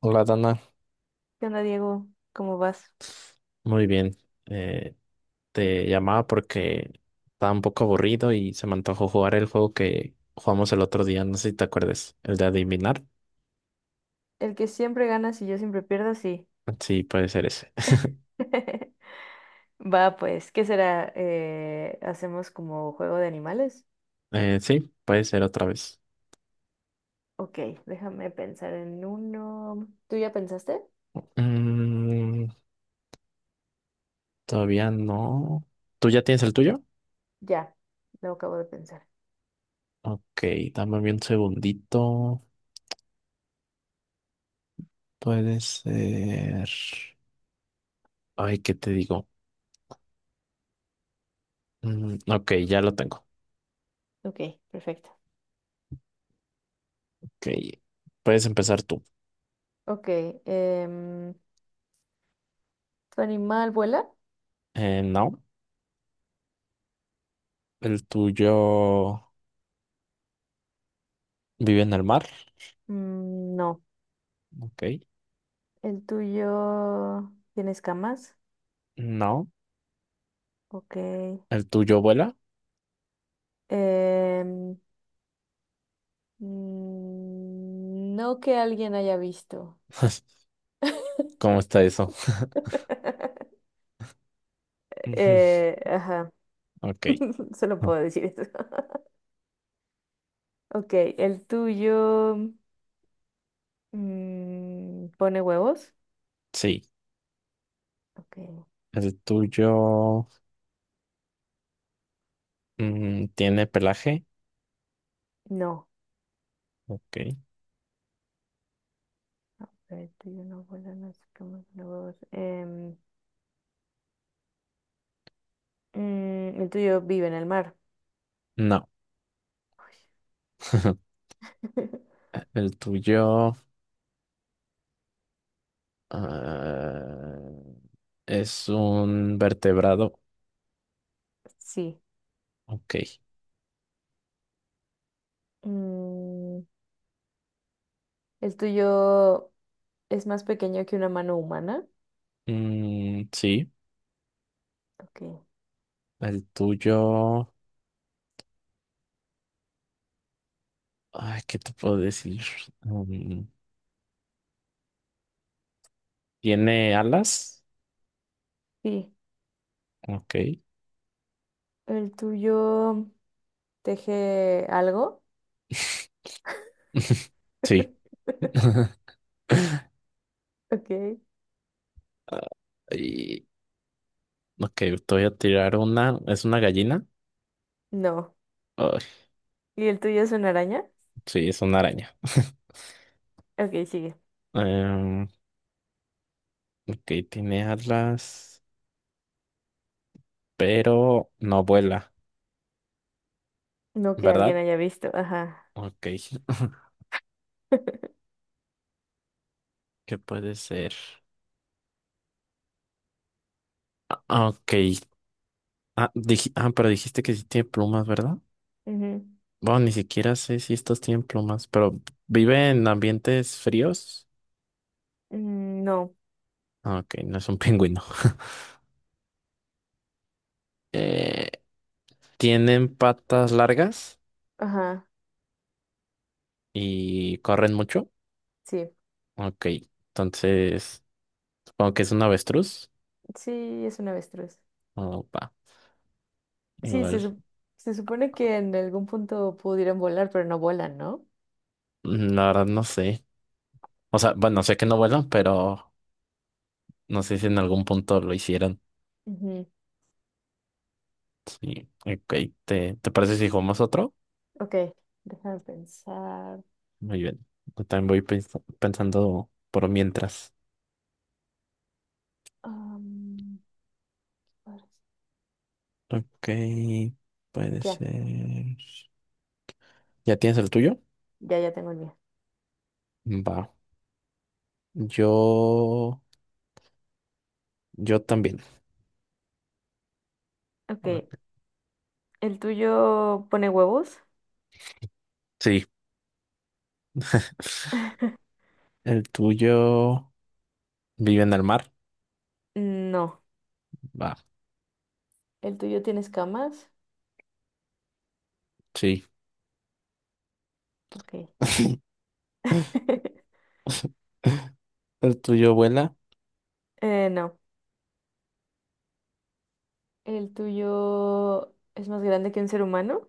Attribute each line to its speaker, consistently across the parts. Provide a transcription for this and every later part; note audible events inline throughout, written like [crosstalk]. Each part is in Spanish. Speaker 1: Hola, Dana.
Speaker 2: ¿Qué onda, Diego? ¿Cómo vas?
Speaker 1: Muy bien. Eh, Te llamaba porque estaba un poco aburrido y se me antojó jugar el juego que jugamos el otro día. No sé si te acuerdes. El de adivinar.
Speaker 2: El que siempre ganas y yo siempre pierdo, sí.
Speaker 1: Sí, puede ser ese. [laughs]
Speaker 2: [laughs] Va, pues, ¿qué será? ¿Hacemos como juego de animales?
Speaker 1: Sí, puede ser otra vez.
Speaker 2: Ok, déjame pensar en uno. ¿Tú ya pensaste?
Speaker 1: Mm, Todavía no. ¿Tú ya tienes el tuyo?
Speaker 2: Ya, lo acabo de pensar.
Speaker 1: Ok, dame un segundito. Puede ser. Ay, ¿qué te digo? Mm, ok, ya lo tengo.
Speaker 2: Ok, perfecto.
Speaker 1: Ok, puedes empezar tú.
Speaker 2: Ok, em, ¿Tu animal vuela?
Speaker 1: No, el tuyo. ¿Vive en el mar?
Speaker 2: Mm, no.
Speaker 1: Ok.
Speaker 2: ¿El tuyo tiene escamas?
Speaker 1: No.
Speaker 2: Ok.
Speaker 1: ¿El tuyo vuela?
Speaker 2: Em, no que alguien haya visto.
Speaker 1: [laughs]
Speaker 2: [laughs]
Speaker 1: ¿Cómo está eso? [laughs]
Speaker 2: [laughs]
Speaker 1: Ujú.
Speaker 2: Ajá,
Speaker 1: Ok.
Speaker 2: [laughs] solo
Speaker 1: Ah.
Speaker 2: puedo decir eso. [laughs] Ok, el tuyo pone huevos.
Speaker 1: Sí.
Speaker 2: Ok,
Speaker 1: ¿El tuyo tiene pelaje?
Speaker 2: no.
Speaker 1: Ok.
Speaker 2: A ver, el tuyo no vuela, no sé cómo pone huevos. El tuyo vive en el mar.
Speaker 1: No.
Speaker 2: Uy.
Speaker 1: [laughs]
Speaker 2: [laughs]
Speaker 1: ¿El tuyo ah, es un vertebrado?
Speaker 2: Sí.
Speaker 1: Ok.
Speaker 2: Mm, el tuyo es más pequeño que una mano humana.
Speaker 1: Mm, sí.
Speaker 2: Ok,
Speaker 1: ¿El tuyo... Ay, ¿qué te puedo decir? Mm, ¿tiene alas?
Speaker 2: sí.
Speaker 1: Ok.
Speaker 2: El tuyo teje algo.
Speaker 1: [laughs] Sí.
Speaker 2: [laughs]
Speaker 1: [laughs]
Speaker 2: Ok,
Speaker 1: [laughs] Y, ok, te voy a tirar una. ¿Es una gallina?
Speaker 2: no.
Speaker 1: Ay,
Speaker 2: ¿Y el tuyo es una araña?
Speaker 1: sí, es una araña. [laughs]
Speaker 2: Ok, sigue.
Speaker 1: Em, ok, tiene alas, pero no vuela,
Speaker 2: No que alguien
Speaker 1: ¿verdad?
Speaker 2: haya visto, ajá.
Speaker 1: Ok. [laughs]
Speaker 2: [laughs]
Speaker 1: ¿Qué puede ser? Ok, ah, pero dijiste que sí tiene plumas, ¿verdad?
Speaker 2: Ujú.
Speaker 1: Bueno, ni siquiera sé si estos tienen plumas, pero ¿vive en ambientes fríos?
Speaker 2: Mm, no,
Speaker 1: Ah, ok, no es un pingüino. [laughs] Eh, ¿Tienen patas largas
Speaker 2: ajá,
Speaker 1: y corren mucho?
Speaker 2: sí.
Speaker 1: Ok, entonces supongo que es un avestruz.
Speaker 2: Sí, es un avestruz.
Speaker 1: Opa,
Speaker 2: Sí,
Speaker 1: igual,
Speaker 2: se supone que en algún punto pudieran volar, pero no volan, ¿no?
Speaker 1: mm, la verdad no sé. O sea, bueno, sé que no vuelan, pero no sé si en algún punto lo hicieron.
Speaker 2: Ujú.
Speaker 1: Sí, ok, ¿te parece si jugamos otro?
Speaker 2: Ok, déjame pensar.
Speaker 1: Muy bien, yo también voy pensando por mientras.
Speaker 2: Am, ahora sí.
Speaker 1: Ok, puede
Speaker 2: ya,
Speaker 1: ser. ¿Ya tienes el tuyo?
Speaker 2: ya tengo el mío.
Speaker 1: Va, yo, yo también.
Speaker 2: Ok,
Speaker 1: Ok.
Speaker 2: ¿el tuyo pone huevos?
Speaker 1: Sí, el tuyo vive en el mar.
Speaker 2: No.
Speaker 1: Va,
Speaker 2: ¿El tuyo tiene escamas?
Speaker 1: sí.
Speaker 2: Ok.
Speaker 1: [laughs]
Speaker 2: [laughs]
Speaker 1: El tuyo vuela.
Speaker 2: No. ¿El tuyo es más grande que un ser humano?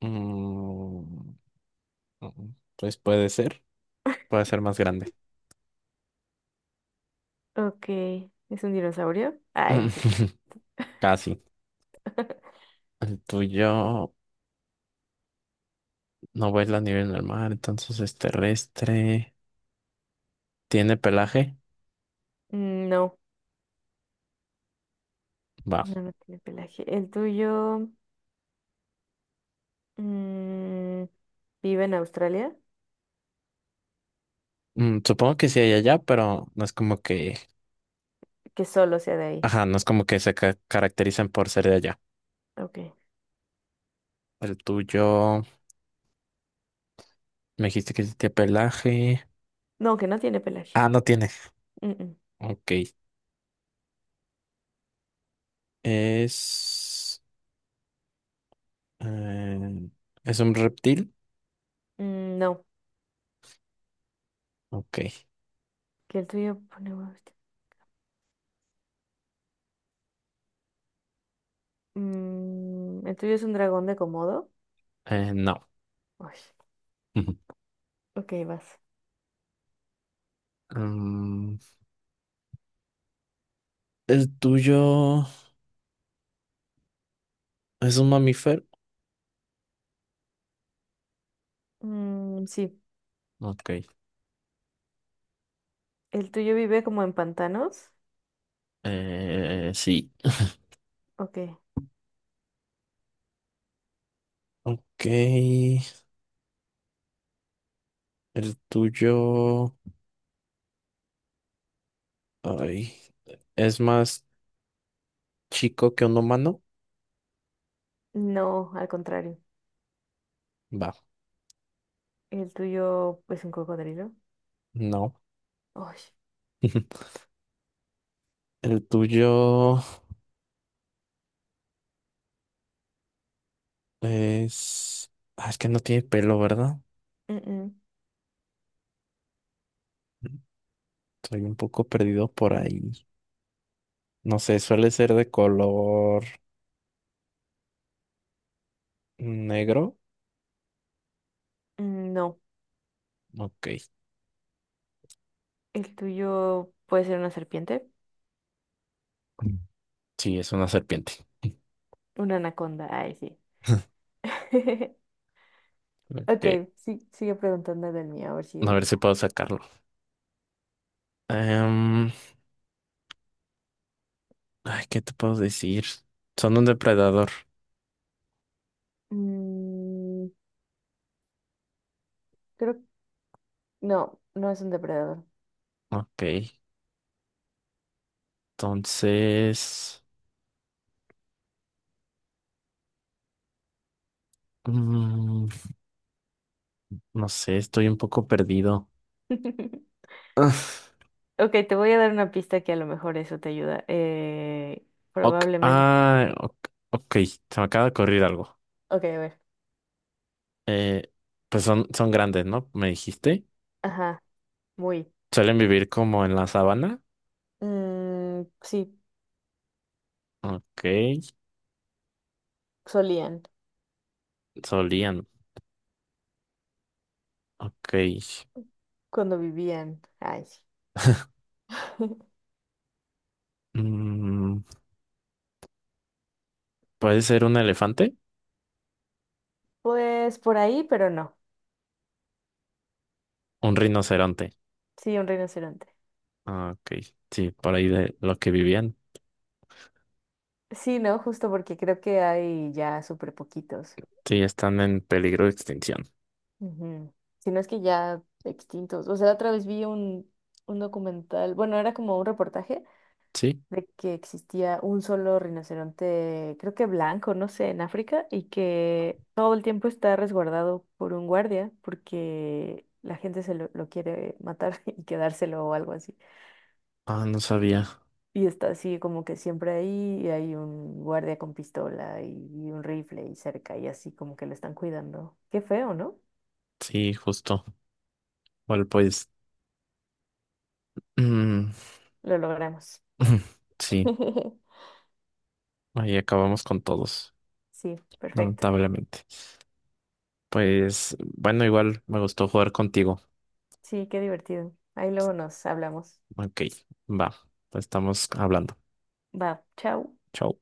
Speaker 1: Mm, mm, pues puede ser. Puede ser más grande.
Speaker 2: Ok. ¿Es un dinosaurio? Ah, en serio.
Speaker 1: [laughs] Casi. El tuyo no vuela a nivel normal, entonces es terrestre. ¿Tiene pelaje?
Speaker 2: Mm, no,
Speaker 1: Va.
Speaker 2: no, no tiene pelaje. ¿El tuyo mm, vive en Australia?
Speaker 1: Mm, supongo que sí hay allá, pero no es como que.
Speaker 2: Que solo sea de ahí.
Speaker 1: Ajá, no es como que caracterizan por ser de allá.
Speaker 2: Ok.
Speaker 1: El tuyo. Me dijiste que sí tiene pelaje.
Speaker 2: No, que no tiene pelaje.
Speaker 1: Ah, no tiene.
Speaker 2: Mm, mm.
Speaker 1: Ok. Es. eh, ¿Es un reptil?
Speaker 2: Mm, no,
Speaker 1: Ok.
Speaker 2: que el tuyo pone huevos. Mm, ¿el tuyo es un dragón de Komodo?
Speaker 1: No.
Speaker 2: Uy,
Speaker 1: Ujú.
Speaker 2: ok, vas.
Speaker 1: Mm, ¿el tuyo es un mamífero?
Speaker 2: Mm, sí.
Speaker 1: Ok.
Speaker 2: ¿El tuyo vive como en pantanos?
Speaker 1: Sí.
Speaker 2: Ok.
Speaker 1: Ok. ¿El tuyo, ay, es más chico que un humano?
Speaker 2: No, al contrario.
Speaker 1: Va,
Speaker 2: El tuyo, pues un cocodrilo.
Speaker 1: no.
Speaker 2: Ay,
Speaker 1: [laughs] ¿El tuyo es... ah, es que no tiene pelo, ¿verdad?
Speaker 2: mm, mm,
Speaker 1: Estoy un poco perdido por ahí. No sé, suele ser de color negro.
Speaker 2: no.
Speaker 1: Ok.
Speaker 2: El tuyo puede ser una serpiente.
Speaker 1: Mm. Sí, es una serpiente. [laughs]
Speaker 2: Una anaconda. Ay, sí. [laughs]
Speaker 1: Ok.
Speaker 2: Ok, sí, sigue preguntando del mío, a ver si
Speaker 1: A ver si
Speaker 2: adivina.
Speaker 1: puedo sacarlo. Em, ay, ¿qué te puedo decir? Son un depredador.
Speaker 2: Mm, creo no, no es un depredador.
Speaker 1: Ok, entonces... mm, no sé, estoy un poco perdido.
Speaker 2: [laughs]
Speaker 1: Ah,
Speaker 2: Ok, te voy a dar una pista que a lo mejor eso te ayuda.
Speaker 1: ok,
Speaker 2: Probablemente.
Speaker 1: ok, ok, se me acaba de ocurrir algo.
Speaker 2: Ok, a ver.
Speaker 1: Eh, pues son grandes, ¿no? Me dijiste.
Speaker 2: Ajá, muy.
Speaker 1: Suelen vivir como en la sabana.
Speaker 2: Mm, sí,
Speaker 1: Ok,
Speaker 2: solían
Speaker 1: solían. Ok.
Speaker 2: cuando vivían. Ay, sí. [laughs]
Speaker 1: Mm, ¿puede ser un elefante?
Speaker 2: Pues por ahí, pero no.
Speaker 1: Un rinoceronte.
Speaker 2: Sí, un rinoceronte.
Speaker 1: Ah, ok, sí, por ahí de lo que vivían.
Speaker 2: Sí, no, justo porque creo que hay ya súper poquitos.
Speaker 1: Sí, están en peligro de extinción.
Speaker 2: Ujú. Si no es que ya extintos. O sea, otra vez vi un documental, bueno, era como un reportaje
Speaker 1: Sí.
Speaker 2: de que existía un solo rinoceronte, creo que blanco, no sé, en África, y que todo el tiempo está resguardado por un guardia porque la gente lo quiere matar [laughs] y quedárselo o algo así.
Speaker 1: Ah, no sabía.
Speaker 2: Y está así como que siempre ahí y hay un guardia con pistola y un rifle y cerca y así como que lo están cuidando. Qué feo, ¿no?
Speaker 1: Sí, justo. Bueno, pues. Mm.
Speaker 2: Lo logramos.
Speaker 1: [laughs] Sí,
Speaker 2: [laughs]
Speaker 1: ahí acabamos con todos,
Speaker 2: Sí, perfecto.
Speaker 1: lamentablemente. Pues, bueno, igual me gustó jugar contigo.
Speaker 2: Sí, qué divertido. Ahí luego nos hablamos.
Speaker 1: Ok, va. Pues estamos hablando.
Speaker 2: Va, chao.
Speaker 1: Chao.